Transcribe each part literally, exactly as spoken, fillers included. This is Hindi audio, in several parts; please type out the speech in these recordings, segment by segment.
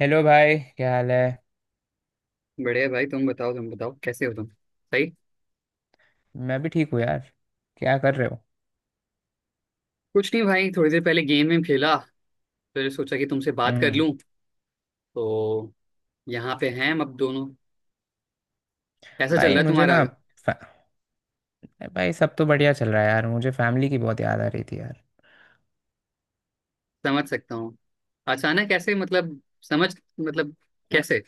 हेलो भाई, क्या हाल है। बढ़िया भाई। तुम बताओ तुम बताओ कैसे हो तुम, सही? मैं भी ठीक हूँ यार। क्या कर रहे हो। कुछ नहीं भाई, थोड़ी देर पहले गेम में खेला, फिर सोचा कि तुमसे बात कर हम्म। लूं। तो यहाँ पे हैं हम अब दोनों। कैसा चल भाई रहा है मुझे तुम्हारा? ना फै- भाई, सब तो बढ़िया चल रहा है यार, मुझे फैमिली की बहुत याद आ रही थी यार। समझ सकता हूँ। अचानक कैसे, मतलब, समझ मतलब कैसे?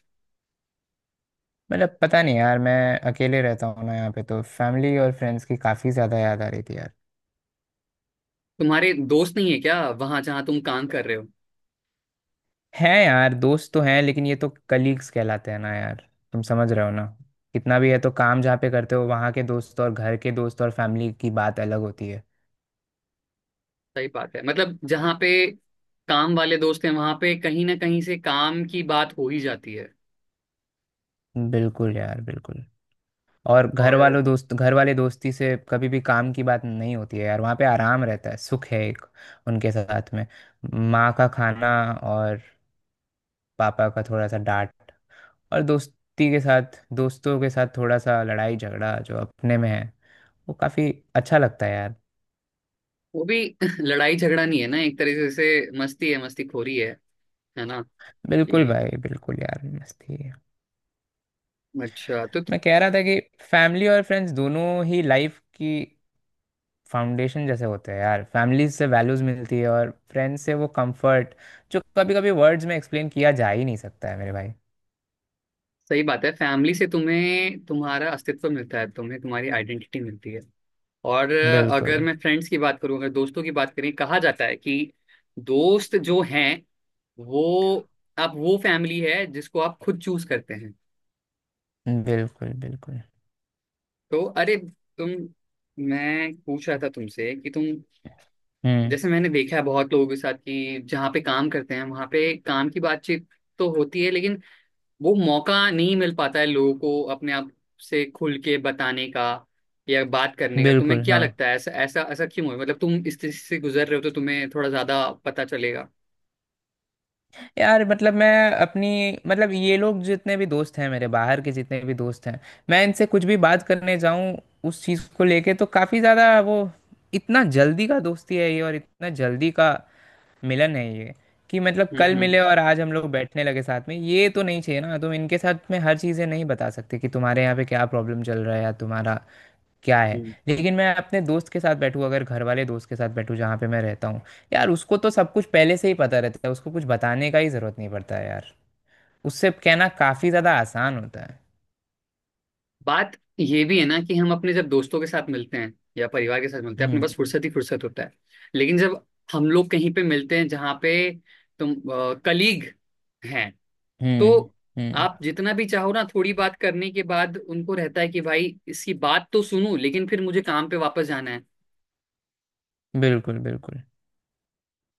मतलब पता नहीं यार, मैं अकेले रहता हूँ ना यहाँ पे, तो फैमिली और फ्रेंड्स की काफ़ी ज़्यादा याद आ रही थी यार। तुम्हारे दोस्त नहीं है क्या वहां जहाँ तुम काम कर रहे हो? हैं यार, दोस्त तो हैं, लेकिन ये तो कलीग्स कहलाते हैं ना यार। तुम समझ रहे हो ना। कितना भी है तो काम जहाँ पे करते हो वहाँ के दोस्त और घर के दोस्त और फैमिली की बात अलग होती है। सही बात है। मतलब जहाँ पे काम वाले दोस्त हैं वहां पे कहीं ना कहीं से काम की बात हो ही जाती है। बिल्कुल यार बिल्कुल। और घर और वालों दोस्त घर वाले दोस्ती से कभी भी काम की बात नहीं होती है यार, वहाँ पे आराम रहता है, सुख है एक उनके साथ में। माँ का खाना, और पापा का थोड़ा सा डांट, और दोस्ती के साथ दोस्तों के साथ थोड़ा सा लड़ाई झगड़ा जो अपने में है, वो काफ़ी अच्छा लगता है यार। वो भी लड़ाई झगड़ा नहीं है ना, एक तरीके से मस्ती है, मस्ती खोरी है है ना? बिल्कुल कि भाई बिल्कुल यार, मस्ती है। अच्छा। तो मैं कह रहा था कि फैमिली और फ्रेंड्स दोनों ही लाइफ की फाउंडेशन जैसे होते हैं यार, फैमिली से वैल्यूज मिलती है और फ्रेंड्स से वो कंफर्ट, जो कभी कभी वर्ड्स में एक्सप्लेन किया जा ही नहीं सकता है मेरे भाई। सही बात है, फैमिली से तुम्हें तुम्हारा अस्तित्व मिलता है, तुम्हें तुम्हारी आइडेंटिटी मिलती है। और अ, अगर बिल्कुल। मैं फ्रेंड्स की बात करूं, अगर दोस्तों की बात करें, कहा जाता है कि दोस्त जो हैं वो आप वो फैमिली है जिसको आप खुद चूज करते हैं। बिल्कुल। बिल्कुल। तो अरे, तुम मैं पूछ रहा था तुमसे कि तुम, हम्म। जैसे मैंने देखा है बहुत लोगों के साथ कि जहाँ पे काम करते हैं वहाँ पे काम की बातचीत तो होती है, लेकिन वो मौका नहीं मिल पाता है लोगों को अपने आप से खुल के बताने का या बात करने का। तुम्हें बिल्कुल। क्या हाँ लगता है ऐसा ऐसा ऐसा क्यों है? मतलब तुम इस स्थिति से गुजर रहे हो तो तुम्हें थोड़ा ज्यादा पता चलेगा। यार, मतलब मैं अपनी, मतलब ये लोग जितने भी दोस्त हैं मेरे, बाहर के जितने भी दोस्त हैं, मैं इनसे कुछ भी बात करने जाऊं उस चीज़ को लेके तो काफ़ी ज़्यादा वो, इतना जल्दी का दोस्ती है ये और इतना जल्दी का मिलन है ये, कि मतलब हम्म कल हम्म मिले और आज हम लोग बैठने लगे साथ में, ये तो नहीं चाहिए ना। तुम इनके साथ में हर चीज़ें नहीं बता सकते कि तुम्हारे यहाँ पे क्या प्रॉब्लम चल रहा है या तुम्हारा क्या है। हम्म। लेकिन मैं अपने दोस्त के साथ बैठूँ, अगर घर वाले दोस्त के साथ बैठूँ जहाँ पे मैं रहता हूँ, यार उसको तो सब कुछ पहले से ही पता रहता है, उसको कुछ बताने का ही ज़रूरत नहीं पड़ता है यार। उससे कहना काफ़ी ज़्यादा आसान होता है। बात ये भी है ना, कि हम अपने जब दोस्तों के साथ मिलते हैं या परिवार के साथ मिलते हैं, अपने पास हम्म। फुर्सत ही फुर्सत होता है। लेकिन जब हम लोग कहीं पे मिलते हैं जहाँ पे तुम कलीग हैं, तो हम्म। हम्म। आप जितना भी चाहो ना, थोड़ी बात करने के बाद उनको रहता है कि भाई इसकी बात तो सुनूं, लेकिन फिर मुझे काम पे वापस जाना है। बिल्कुल। बिल्कुल।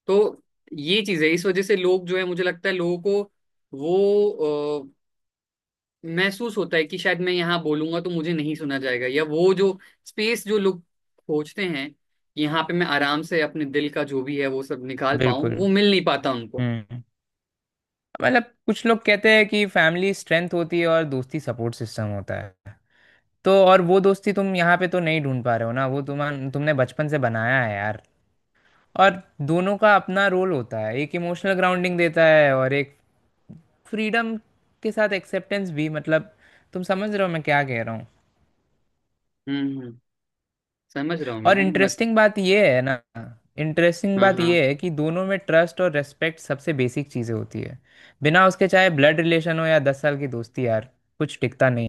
तो ये चीज है। इस वजह से लोग जो है, मुझे लगता है लोगों को वो अ, महसूस होता है कि शायद मैं यहाँ बोलूंगा तो मुझे नहीं सुना जाएगा, या वो जो स्पेस जो लोग खोजते हैं कि यहाँ पे मैं आराम से अपने दिल का जो भी है वो सब निकाल पाऊं, बिल्कुल। वो मिल नहीं पाता उनको। हम्म। मतलब कुछ लोग कहते हैं कि फैमिली स्ट्रेंथ होती है और दोस्ती सपोर्ट सिस्टम होता है। तो और वो दोस्ती तुम यहाँ पे तो नहीं ढूंढ पा रहे हो ना, वो तुम, तुमने बचपन से बनाया है यार। और दोनों का अपना रोल होता है, एक इमोशनल ग्राउंडिंग देता है और एक फ्रीडम के साथ एक्सेप्टेंस भी, मतलब तुम समझ रहे हो मैं क्या कह रहा हूँ। हम्म हम्म, समझ रहा हूँ और मैं। मत इंटरेस्टिंग बात ये है ना, इंटरेस्टिंग हाँ बात हाँ। ये है कि दोनों में ट्रस्ट और रेस्पेक्ट सबसे बेसिक चीज़ें होती है। बिना उसके, चाहे ब्लड रिलेशन हो या दस साल की दोस्ती यार, कुछ टिकता नहीं।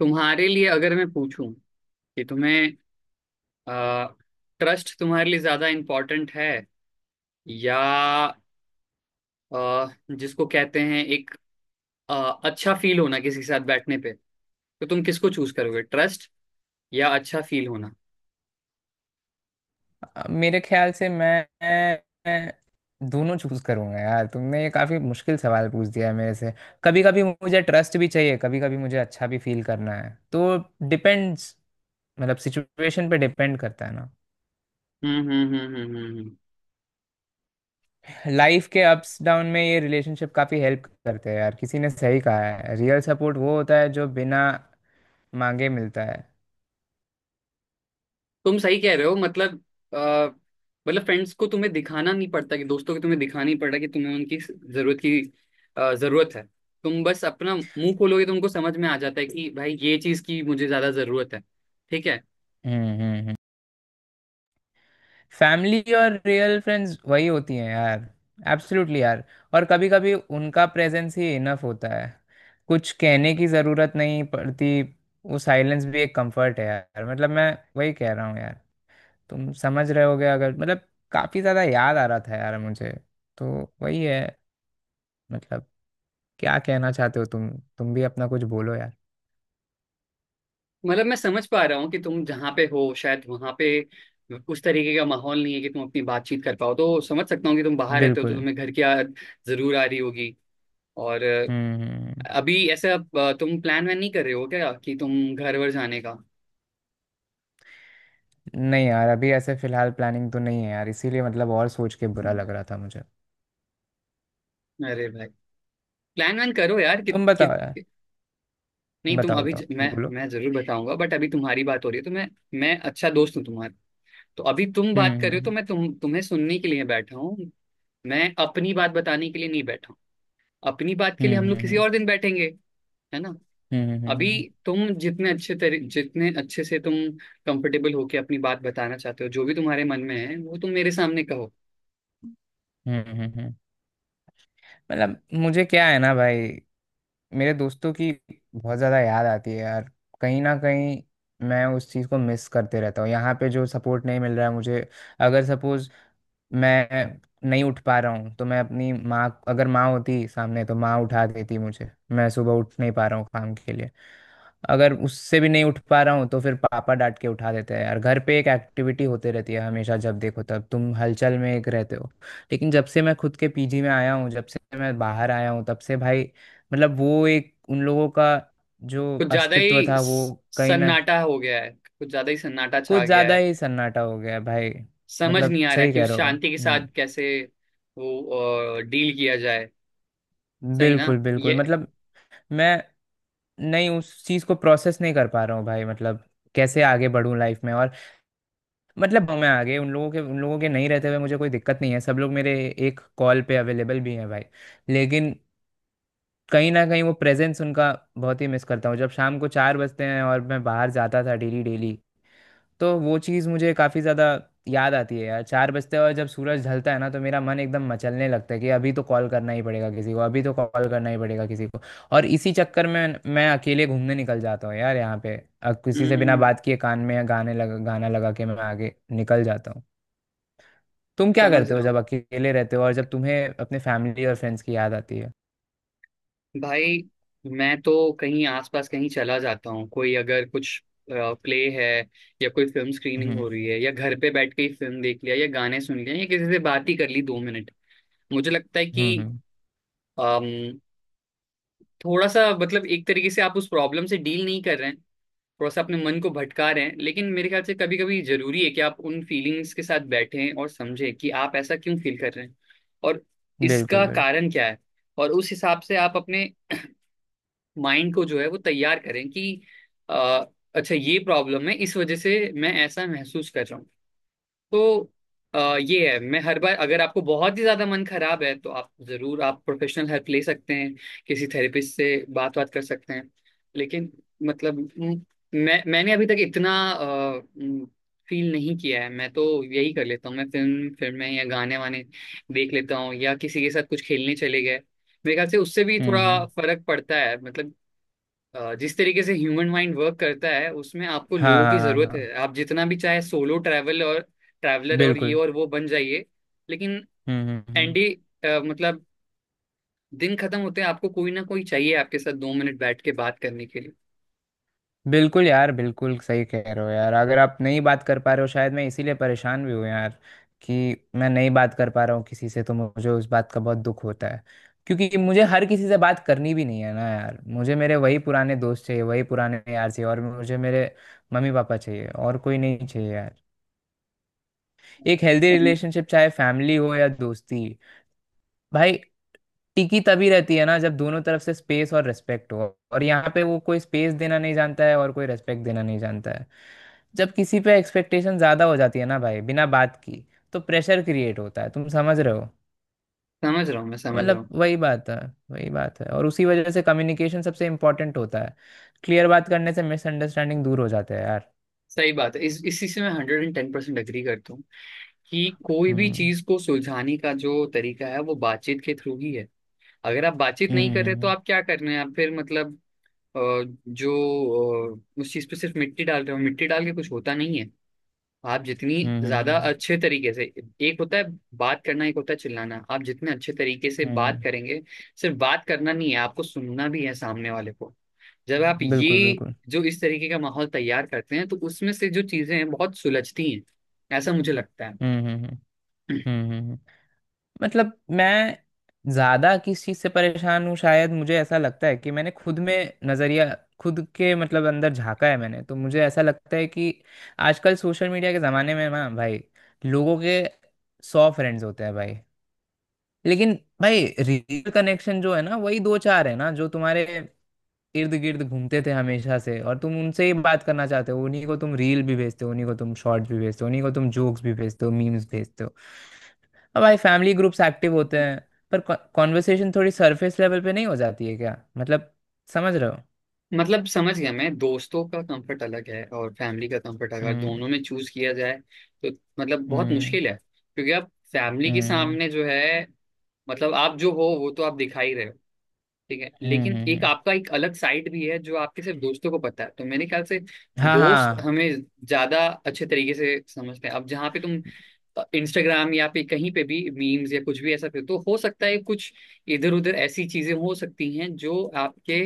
तुम्हारे लिए अगर मैं पूछूं कि तुम्हें, आ, क्रस्ट तुम्हारे लिए ज्यादा इम्पोर्टेंट है, या आ, जिसको कहते हैं एक आ, अच्छा फील होना किसी के साथ बैठने पे, तो तुम किसको चूज करोगे, ट्रस्ट या अच्छा फील होना? अब मेरे ख्याल से मैं मैं दोनों चूज करूंगा यार, तुमने ये काफी मुश्किल सवाल पूछ दिया है मेरे से। कभी कभी मुझे ट्रस्ट भी चाहिए, कभी कभी मुझे अच्छा भी फील करना है, तो डिपेंड्स, मतलब सिचुएशन पे डिपेंड करता है ना। हम्म हम्म हम्म हम्म हम्म हम्म। लाइफ के अप्स डाउन में ये रिलेशनशिप काफी हेल्प करते हैं यार, किसी ने सही कहा है रियल सपोर्ट वो होता है जो बिना मांगे मिलता है। तुम सही कह रहे हो। मतलब, आ, मतलब फ्रेंड्स को तुम्हें दिखाना नहीं पड़ता, कि दोस्तों को तुम्हें दिखाना नहीं पड़ता कि तुम्हें उनकी जरूरत की, आ, जरूरत है। तुम बस अपना मुंह खोलोगे तो उनको समझ में आ जाता है कि भाई ये चीज की मुझे ज्यादा जरूरत है। ठीक है। हम्म। हम्म। हम्म। फैमिली और रियल फ्रेंड्स वही होती हैं यार, एब्सोल्युटली यार। और कभी कभी उनका प्रेजेंस ही इनफ होता है, कुछ कहने की ज़रूरत नहीं पड़ती, वो साइलेंस भी एक कंफर्ट है यार। मतलब मैं वही कह रहा हूँ यार, तुम समझ रहे होगे, अगर मतलब काफ़ी ज़्यादा याद आ रहा था यार मुझे, तो वही है। मतलब क्या कहना चाहते हो तुम तुम भी अपना कुछ बोलो यार। मतलब मैं समझ पा रहा हूँ कि तुम जहाँ पे हो शायद वहाँ पे उस तरीके का माहौल नहीं है कि तुम अपनी बातचीत कर पाओ। तो समझ सकता हूँ कि तुम बाहर रहते हो तो बिल्कुल। तुम्हें घर की याद जरूर आ रही होगी। और अ, हम्म। हम्म। अभी ऐसा अ, तुम प्लान वैन नहीं कर रहे हो क्या कि तुम घर वर जाने का? नहीं यार, अभी ऐसे फिलहाल प्लानिंग तो नहीं है यार, इसीलिए मतलब, और सोच के बुरा लग रहा था मुझे। अरे भाई, प्लान वैन करो यार, कि, तुम कि बताओ यार, कि नहीं, तुम बताओ अभी बताओ, ज- मैं बोलो। मैं जरूर बताऊंगा बट अभी तुम्हारी बात हो रही है, तो मैं मैं अच्छा दोस्त हूँ तुम्हारा। तो अभी तुम बात हम्म। कर रहे हो, तो हम्म। मैं तुम तुम्हें सुनने के लिए बैठा हूँ। मैं अपनी बात बताने के लिए नहीं बैठा हूँ। अपनी बात के लिए हम हम्म। लोग किसी हम्म। और दिन बैठेंगे, है ना? हम्म। हम्म। अभी हम्म। तुम जितने अच्छे तरी जितने अच्छे से तुम कंफर्टेबल होके अपनी बात बताना चाहते हो, जो भी तुम्हारे मन में है वो तुम मेरे सामने कहो। हम्म, हम्म, हम्म, हम्म। मतलब मुझे क्या है ना भाई, मेरे दोस्तों की बहुत ज़्यादा याद आती है यार, कहीं ना कहीं मैं उस चीज़ को मिस करते रहता हूँ यहाँ पे, जो सपोर्ट नहीं मिल रहा है मुझे। अगर सपोज़ मैं नहीं उठ पा रहा हूँ तो मैं अपनी माँ, अगर माँ होती सामने तो माँ उठा देती मुझे, मैं सुबह उठ नहीं पा रहा हूँ काम के लिए, अगर उससे भी नहीं उठ पा रहा हूँ तो फिर पापा डांट के उठा देते हैं यार। घर पे एक एक्टिविटी होते रहती है हमेशा, जब देखो तब तुम हलचल में एक रहते हो। लेकिन जब से मैं खुद के पीजी में आया हूँ, जब से मैं बाहर आया हूँ तब से भाई, मतलब वो एक उन लोगों का जो कुछ ज्यादा अस्तित्व ही था वो स- कहीं ना, सन्नाटा हो गया है। कुछ ज्यादा ही सन्नाटा कुछ छा गया ज्यादा है। ही सन्नाटा हो गया भाई। समझ मतलब नहीं आ रहा सही कि कह उस रहे हो। शांति के साथ हम्म। कैसे वो डील किया जाए, सही ना बिल्कुल बिल्कुल। ये? मतलब मैं नहीं, उस चीज को प्रोसेस नहीं कर पा रहा हूँ भाई, मतलब कैसे आगे बढ़ूं लाइफ में। और मतलब मैं आ गए, उन लोगों के उन लोगों के नहीं रहते हुए मुझे कोई दिक्कत नहीं है, सब लोग मेरे एक कॉल पे अवेलेबल भी हैं भाई। लेकिन कहीं ना कहीं वो प्रेजेंस उनका बहुत ही मिस करता हूँ, जब शाम को चार बजते हैं और मैं बाहर जाता था डेली डेली, तो वो चीज़ मुझे काफ़ी ज़्यादा याद आती है यार। चार बजते हैं और जब सूरज ढलता है ना तो मेरा मन एकदम मचलने लगता है, कि अभी तो कॉल करना ही पड़ेगा किसी को, अभी तो कॉल करना ही पड़ेगा किसी को। और इसी चक्कर में मैं अकेले घूमने निकल जाता हूँ यार यहाँ पे, अ, किसी से बिना हम्म। बात किए कान में गाने लगा, गाना लगा के मैं आगे निकल जाता हूँ। तुम क्या समझ करते हो रहा हूँ जब अकेले रहते हो और जब तुम्हें अपने फैमिली और फ्रेंड्स की याद आती है। भाई। मैं तो कहीं आसपास कहीं चला जाता हूँ, कोई अगर कुछ प्ले है, या कोई फिल्म स्क्रीनिंग हम्म। हो रही है, या घर पे बैठ के ही फिल्म देख लिया या गाने सुन लिया, या किसी से बात ही कर ली दो मिनट। मुझे लगता है हम्म। कि, हम्म, अम, थोड़ा सा मतलब, एक तरीके से आप उस प्रॉब्लम से डील नहीं कर रहे हैं, थोड़ा सा अपने मन को भटका रहे हैं। लेकिन मेरे ख्याल से कभी कभी जरूरी है कि आप उन फीलिंग्स के साथ बैठें और समझें कि आप ऐसा क्यों फील कर रहे हैं, और बिल्कुल इसका बिल्कुल। कारण क्या है। और उस हिसाब से आप अपने माइंड को जो है वो तैयार करें कि, अ, अच्छा, ये प्रॉब्लम है, इस वजह से मैं ऐसा महसूस कर रहा हूँ। तो अ, ये है। मैं हर बार, अगर आपको बहुत ही ज्यादा मन खराब है तो आप जरूर, आप प्रोफेशनल हेल्प ले सकते हैं, किसी थेरेपिस्ट से बात बात कर सकते हैं। लेकिन मतलब, म- मैं मैंने अभी तक इतना फील नहीं किया है। मैं तो यही कर लेता हूँ, मैं फिल्म फिल्में या गाने वाने देख लेता हूँ, या किसी के साथ कुछ खेलने चले गए। मेरे ख्याल से उससे भी हम्म। थोड़ा हम्म। फर्क पड़ता है। मतलब अ, जिस तरीके से ह्यूमन माइंड वर्क करता है उसमें आपको हाँ लोगों हाँ की हाँ जरूरत हाँ। है। आप जितना भी चाहे सोलो ट्रैवल और ट्रैवलर और ये बिल्कुल। और वो बन जाइए, लेकिन हम्म। हम्म। हम्म। एंडी, अ, मतलब, दिन खत्म होते हैं आपको कोई ना कोई चाहिए आपके साथ दो मिनट बैठ के बात करने के लिए। बिल्कुल यार बिल्कुल, सही कह रहे हो यार। अगर आप नहीं बात कर पा रहे हो, शायद मैं इसीलिए परेशान भी हूँ यार, कि मैं नहीं बात कर पा रहा हूँ किसी से, तो मुझे उस बात का बहुत दुख होता है। क्योंकि मुझे हर किसी से बात करनी भी नहीं है ना यार, मुझे मेरे वही पुराने दोस्त चाहिए, वही पुराने यार चाहिए, और मुझे मेरे मम्मी पापा चाहिए, और कोई नहीं चाहिए यार। एक हेल्दी सम, रिलेशनशिप, चाहे फैमिली हो या दोस्ती भाई, टिकी तभी रहती है ना जब दोनों तरफ से स्पेस और रेस्पेक्ट हो। और यहाँ पे वो, कोई स्पेस देना नहीं जानता है और कोई रेस्पेक्ट देना नहीं जानता है। जब किसी पे एक्सपेक्टेशन ज़्यादा हो जाती है ना भाई, बिना बात की, तो प्रेशर क्रिएट होता है, तुम समझ रहे हो। समझ रहा हूँ मैं, समझ रहा मतलब हूँ। वही बात है, वही बात है, और उसी वजह से कम्युनिकेशन सबसे इम्पोर्टेंट होता है। क्लियर बात करने से मिसअंडरस्टैंडिंग दूर हो जाते हैं यार। सही बात है। इस इसी से मैं hundred and ten percent agree करता हूँ, कि कोई भी हम्म। चीज को सुलझाने का जो तरीका है वो बातचीत के थ्रू ही है। अगर आप बातचीत नहीं हम्म। कर रहे तो हम्म। आप क्या कर रहे हैं? आप फिर मतलब, अ, जो अ, उस चीज पे सिर्फ मिट्टी डाल रहे हो। मिट्टी डाल के कुछ होता नहीं है। आप जितनी हम्म। हम्म। ज्यादा हम्म, अच्छे तरीके से एक होता है बात करना, एक होता है चिल्लाना। आप जितने अच्छे तरीके से बात हम्म, करेंगे, सिर्फ बात करना नहीं है, आपको सुनना भी है सामने वाले को। जब आप हम्म, ये बिल्कुल बिल्कुल। जो इस तरीके का माहौल तैयार करते हैं, तो उसमें से जो चीजें हैं बहुत सुलझती हैं, ऐसा मुझे लगता हम्म। हम्म। हम्म। है। हम्म। हम्म। हम्म। मतलब मैं ज्यादा किस चीज से परेशान हूँ, शायद मुझे ऐसा लगता है कि मैंने खुद में नजरिया, खुद के मतलब अंदर झांका है मैंने, तो मुझे ऐसा लगता है कि आजकल सोशल मीडिया के जमाने में ना भाई, लोगों के सौ फ्रेंड्स होते हैं भाई, लेकिन भाई रियल कनेक्शन जो है ना वही दो चार है ना, जो तुम्हारे इर्द गिर्द घूमते थे हमेशा से, और तुम उनसे ही बात करना चाहते हो, उन्हीं को तुम रील भी भेजते हो, उन्हीं को तुम शॉर्ट्स भी भेजते हो, उन्हीं को तुम जोक्स भी भेजते हो, मीम्स भेजते हो। अब भाई फैमिली ग्रुप्स एक्टिव होते हैं, पर कॉन्वर्सेशन थोड़ी सरफेस लेवल पे नहीं हो जाती है क्या, मतलब समझ रहे हो। मतलब समझ गया मैं। दोस्तों का कंफर्ट अलग है और फैमिली का कंफर्ट अलग है। हम्म। दोनों में चूज किया जाए तो मतलब बहुत हम्म। मुश्किल है, क्योंकि आप फैमिली के हम्म। हम्म। सामने जो है, मतलब आप जो हो वो तो आप दिखा ही रहे हो, ठीक है। हम्म, लेकिन हम्म, एक हम्म। आपका एक अलग साइड भी है, जो आपके सिर्फ दोस्तों को पता है। तो मेरे ख्याल से हाँ दोस्त हाँ। हमें ज्यादा अच्छे तरीके से समझते हैं। अब जहाँ पे तुम इंस्टाग्राम या पे कहीं पे भी मीम्स या कुछ भी ऐसा, फिर तो हो सकता है कुछ इधर उधर ऐसी चीजें हो सकती हैं जो आपके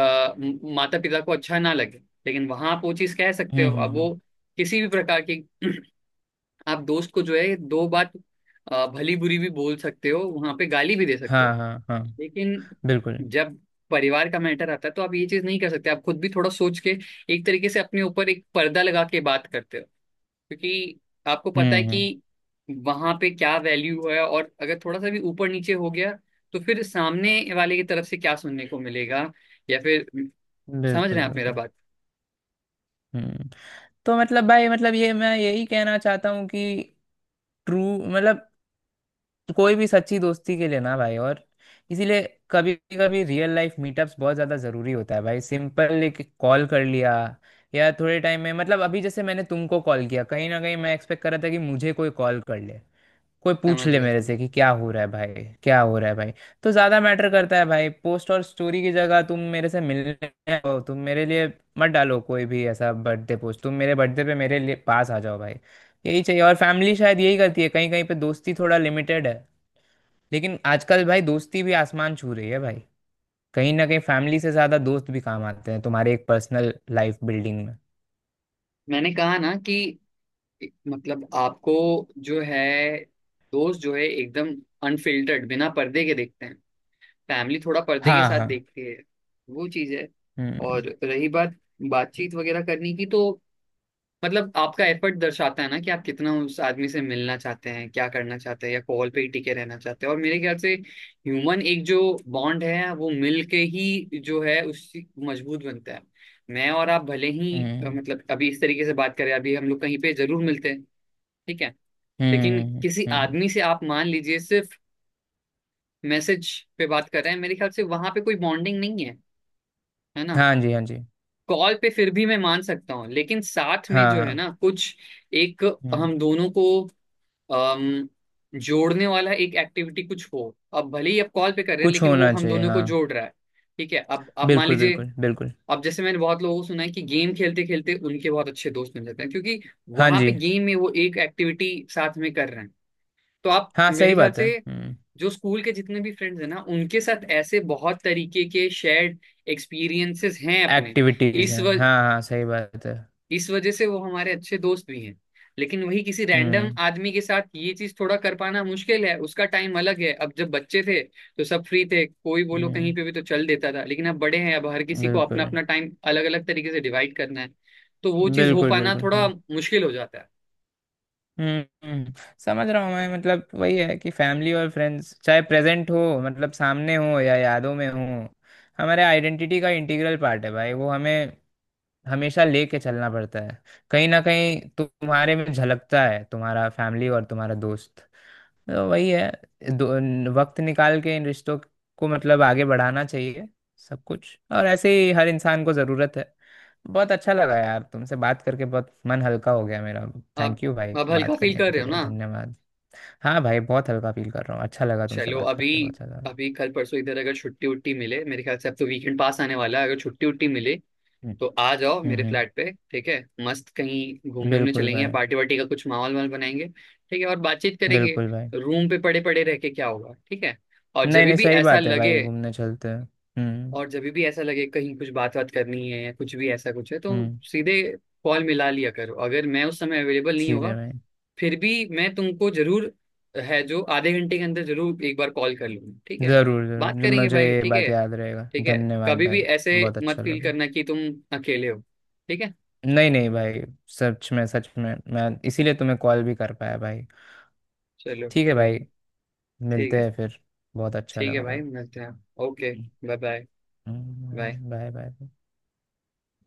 आ, माता पिता को अच्छा ना लगे। लेकिन वहां आप वो चीज कह सकते हम्म। हो। हम्म। अब हम्म, वो किसी भी प्रकार की आप दोस्त को जो है दो बात, अ, भली बुरी भी बोल सकते हो, वहां पे गाली भी दे सकते हो। हाँ हाँ हाँ। लेकिन बिल्कुल। जब परिवार का मैटर आता है तो आप ये चीज नहीं कर सकते। आप खुद भी थोड़ा सोच के, एक तरीके से अपने ऊपर एक पर्दा लगा के बात करते हो, क्योंकि आपको पता हम्म। है हम्म। कि वहां पे क्या वैल्यू है। और अगर थोड़ा सा भी ऊपर नीचे हो गया, तो फिर सामने वाले की तरफ से क्या सुनने को मिलेगा, या फिर, समझ रहे बिल्कुल हैं आप मेरा बिल्कुल। बात? हम्म। तो मतलब भाई, मतलब ये मैं यही कहना चाहता हूँ कि ट्रू, मतलब तो कोई भी सच्ची दोस्ती के लिए ना भाई, और इसीलिए कभी कभी रियल लाइफ मीटअप्स बहुत ज़्यादा ज़रूरी होता है भाई। सिंपल एक कॉल कर लिया या थोड़े टाइम में मतलब, अभी जैसे मैंने तुमको कॉल किया, कहीं ना कहीं मैं एक्सपेक्ट कर रहा था कि मुझे कोई कॉल कर ले, कोई पूछ समझ ले गया, मेरे समझ से कि क्या हो रहा है भाई, क्या हो रहा है भाई। तो ज्यादा मैटर करता है भाई, पोस्ट और स्टोरी की जगह तुम मेरे से मिलने आओ, तुम मेरे लिए मत डालो कोई भी ऐसा बर्थडे पोस्ट, तुम मेरे बर्थडे पे मेरे लिए पास आ जाओ भाई, यही चाहिए। और फैमिली शायद यही करती है, कहीं कहीं पे दोस्ती थोड़ा लिमिटेड है, लेकिन आजकल भाई दोस्ती भी आसमान छू रही है भाई। कहीं ना कहीं फैमिली से ज्यादा दोस्त भी काम आते हैं तुम्हारे, एक पर्सनल लाइफ बिल्डिंग में। मैंने कहा ना कि, मतलब आपको जो है, दोस्त जो है एकदम अनफिल्टर्ड बिना पर्दे के देखते हैं, फैमिली थोड़ा पर्दे के हाँ साथ हाँ। देखती है, वो चीज है। हम्म। और रही बात बातचीत वगैरह करने की, तो मतलब आपका एफर्ट दर्शाता है ना कि आप कितना उस आदमी से मिलना चाहते हैं, क्या करना चाहते हैं, या कॉल पे ही टिके रहना चाहते हैं। और मेरे ख्याल से ह्यूमन एक जो बॉन्ड है वो मिल के ही जो है उस, मजबूत बनता है। मैं और आप भले ही अ, हम्म। मतलब अभी इस तरीके से बात करें, अभी हम लोग कहीं पे जरूर मिलते हैं, ठीक है। लेकिन हम्म। हम्म, किसी हम्म। आदमी से आप मान लीजिए सिर्फ मैसेज पे बात कर रहे हैं, मेरे ख्याल से वहां पे कोई बॉन्डिंग नहीं है, है ना? हाँ जी हाँ जी। कॉल पे फिर भी मैं मान सकता हूँ, लेकिन साथ में जो हाँ है हाँ। ना, कुछ एक, हम्म। हम दोनों को अम, जोड़ने वाला एक एक्टिविटी कुछ हो, अब भले ही आप कॉल पे कर रहे हैं कुछ लेकिन वो होना हम चाहिए, दोनों को हाँ। जोड़ रहा है, ठीक है। अब आप मान बिल्कुल लीजिए, बिल्कुल बिल्कुल। अब जैसे मैंने बहुत लोगों को सुना है कि गेम खेलते खेलते उनके बहुत अच्छे दोस्त बन जाते हैं, क्योंकि हाँ वहां जी। पे गेम में वो एक एक्टिविटी साथ में कर रहे हैं। तो आप हाँ मेरे सही ख्याल बात से है, हम्म। जो स्कूल के जितने भी फ्रेंड्स हैं ना, उनके साथ ऐसे बहुत तरीके के शेयर्ड एक्सपीरियंसेस हैं अपने। एक्टिविटीज इस है, व, हाँ हाँ, सही बात है। इस वजह से वो हमारे अच्छे दोस्त भी हैं। लेकिन वही किसी रैंडम हम्म। आदमी के साथ ये चीज थोड़ा कर पाना मुश्किल है। उसका टाइम अलग है। अब जब बच्चे थे तो सब फ्री थे, कोई बोलो हम्म। कहीं पे भी तो चल देता था। लेकिन अब बड़े हैं, अब हर किसी को अपना बिल्कुल अपना टाइम अलग अलग तरीके से डिवाइड करना है। तो वो चीज हो बिल्कुल। पाना बिल्कुल थोड़ा हाँ। मुश्किल हो जाता है। हम्म। हम्म, समझ रहा हूँ मैं। मतलब वही है कि फैमिली और फ्रेंड्स, चाहे प्रेजेंट हो, मतलब सामने हो या यादों में हो, हमारे आइडेंटिटी का इंटीग्रल पार्ट है भाई, वो हमें हमेशा लेके चलना पड़ता है। कहीं ना कहीं तुम्हारे में झलकता है तुम्हारा फैमिली और तुम्हारा दोस्त, तो वही है। दो, वक्त निकाल के इन रिश्तों को मतलब आगे बढ़ाना चाहिए सब कुछ, और ऐसे ही हर इंसान को ज़रूरत है। बहुत अच्छा लगा यार तुमसे बात करके, बहुत मन हल्का हो गया मेरा। आप थैंक यू भाई, अब हल्का बात फील करने कर के रहे हो लिए ना? धन्यवाद। हाँ भाई, बहुत हल्का फील कर रहा हूँ, अच्छा लगा तुमसे चलो, बात अभी करके बहुत ज़्यादा, हम्म। अभी कल परसों इधर अगर छुट्टी उट्टी मिले, मेरे ख्याल से अब तो वीकेंड पास आने वाला है, अगर छुट्टी उट्टी मिले तो आ जाओ हम्म, मेरे हम्म, फ्लैट पे, ठीक है? मस्त कहीं घूमने वूमने बिल्कुल चलेंगे, भाई, पार्टी वार्टी का कुछ माहौल वाल बनाएंगे, ठीक है, और बातचीत करेंगे। बिल्कुल भाई। रूम पे पड़े पड़े रह के क्या होगा? ठीक है। और जब नहीं नहीं, भी सही ऐसा बात है लगे भाई, घूमने चलते हैं। हम्म। और जब भी ऐसा लगे कहीं कुछ बात बात करनी है, या कुछ भी ऐसा कुछ है, तो हम्म। सीधे कॉल मिला लिया करो। अगर मैं उस समय अवेलेबल नहीं ठीक है होगा, भाई। फिर भी मैं तुमको जरूर है जो आधे घंटे के अंदर जरूर एक बार कॉल कर लूंगा, ठीक है? जरूर बात जरूर, जो करेंगे मुझे भाई, ये ठीक बात है। याद रहेगा, ठीक है। धन्यवाद कभी भी भाई। ऐसे बहुत मत अच्छा फील लगा। करना कि तुम अकेले हो, ठीक है? नहीं नहीं भाई, सच में सच में, मैं इसीलिए तुम्हें कॉल भी कर पाया भाई। चलो, ठीक है कोई भाई, नहीं। ठीक मिलते है। हैं फिर। बहुत अच्छा ठीक है लगा भाई, भाई। मिलते हैं। Okay, bye bye bye. Hmm, bye bye.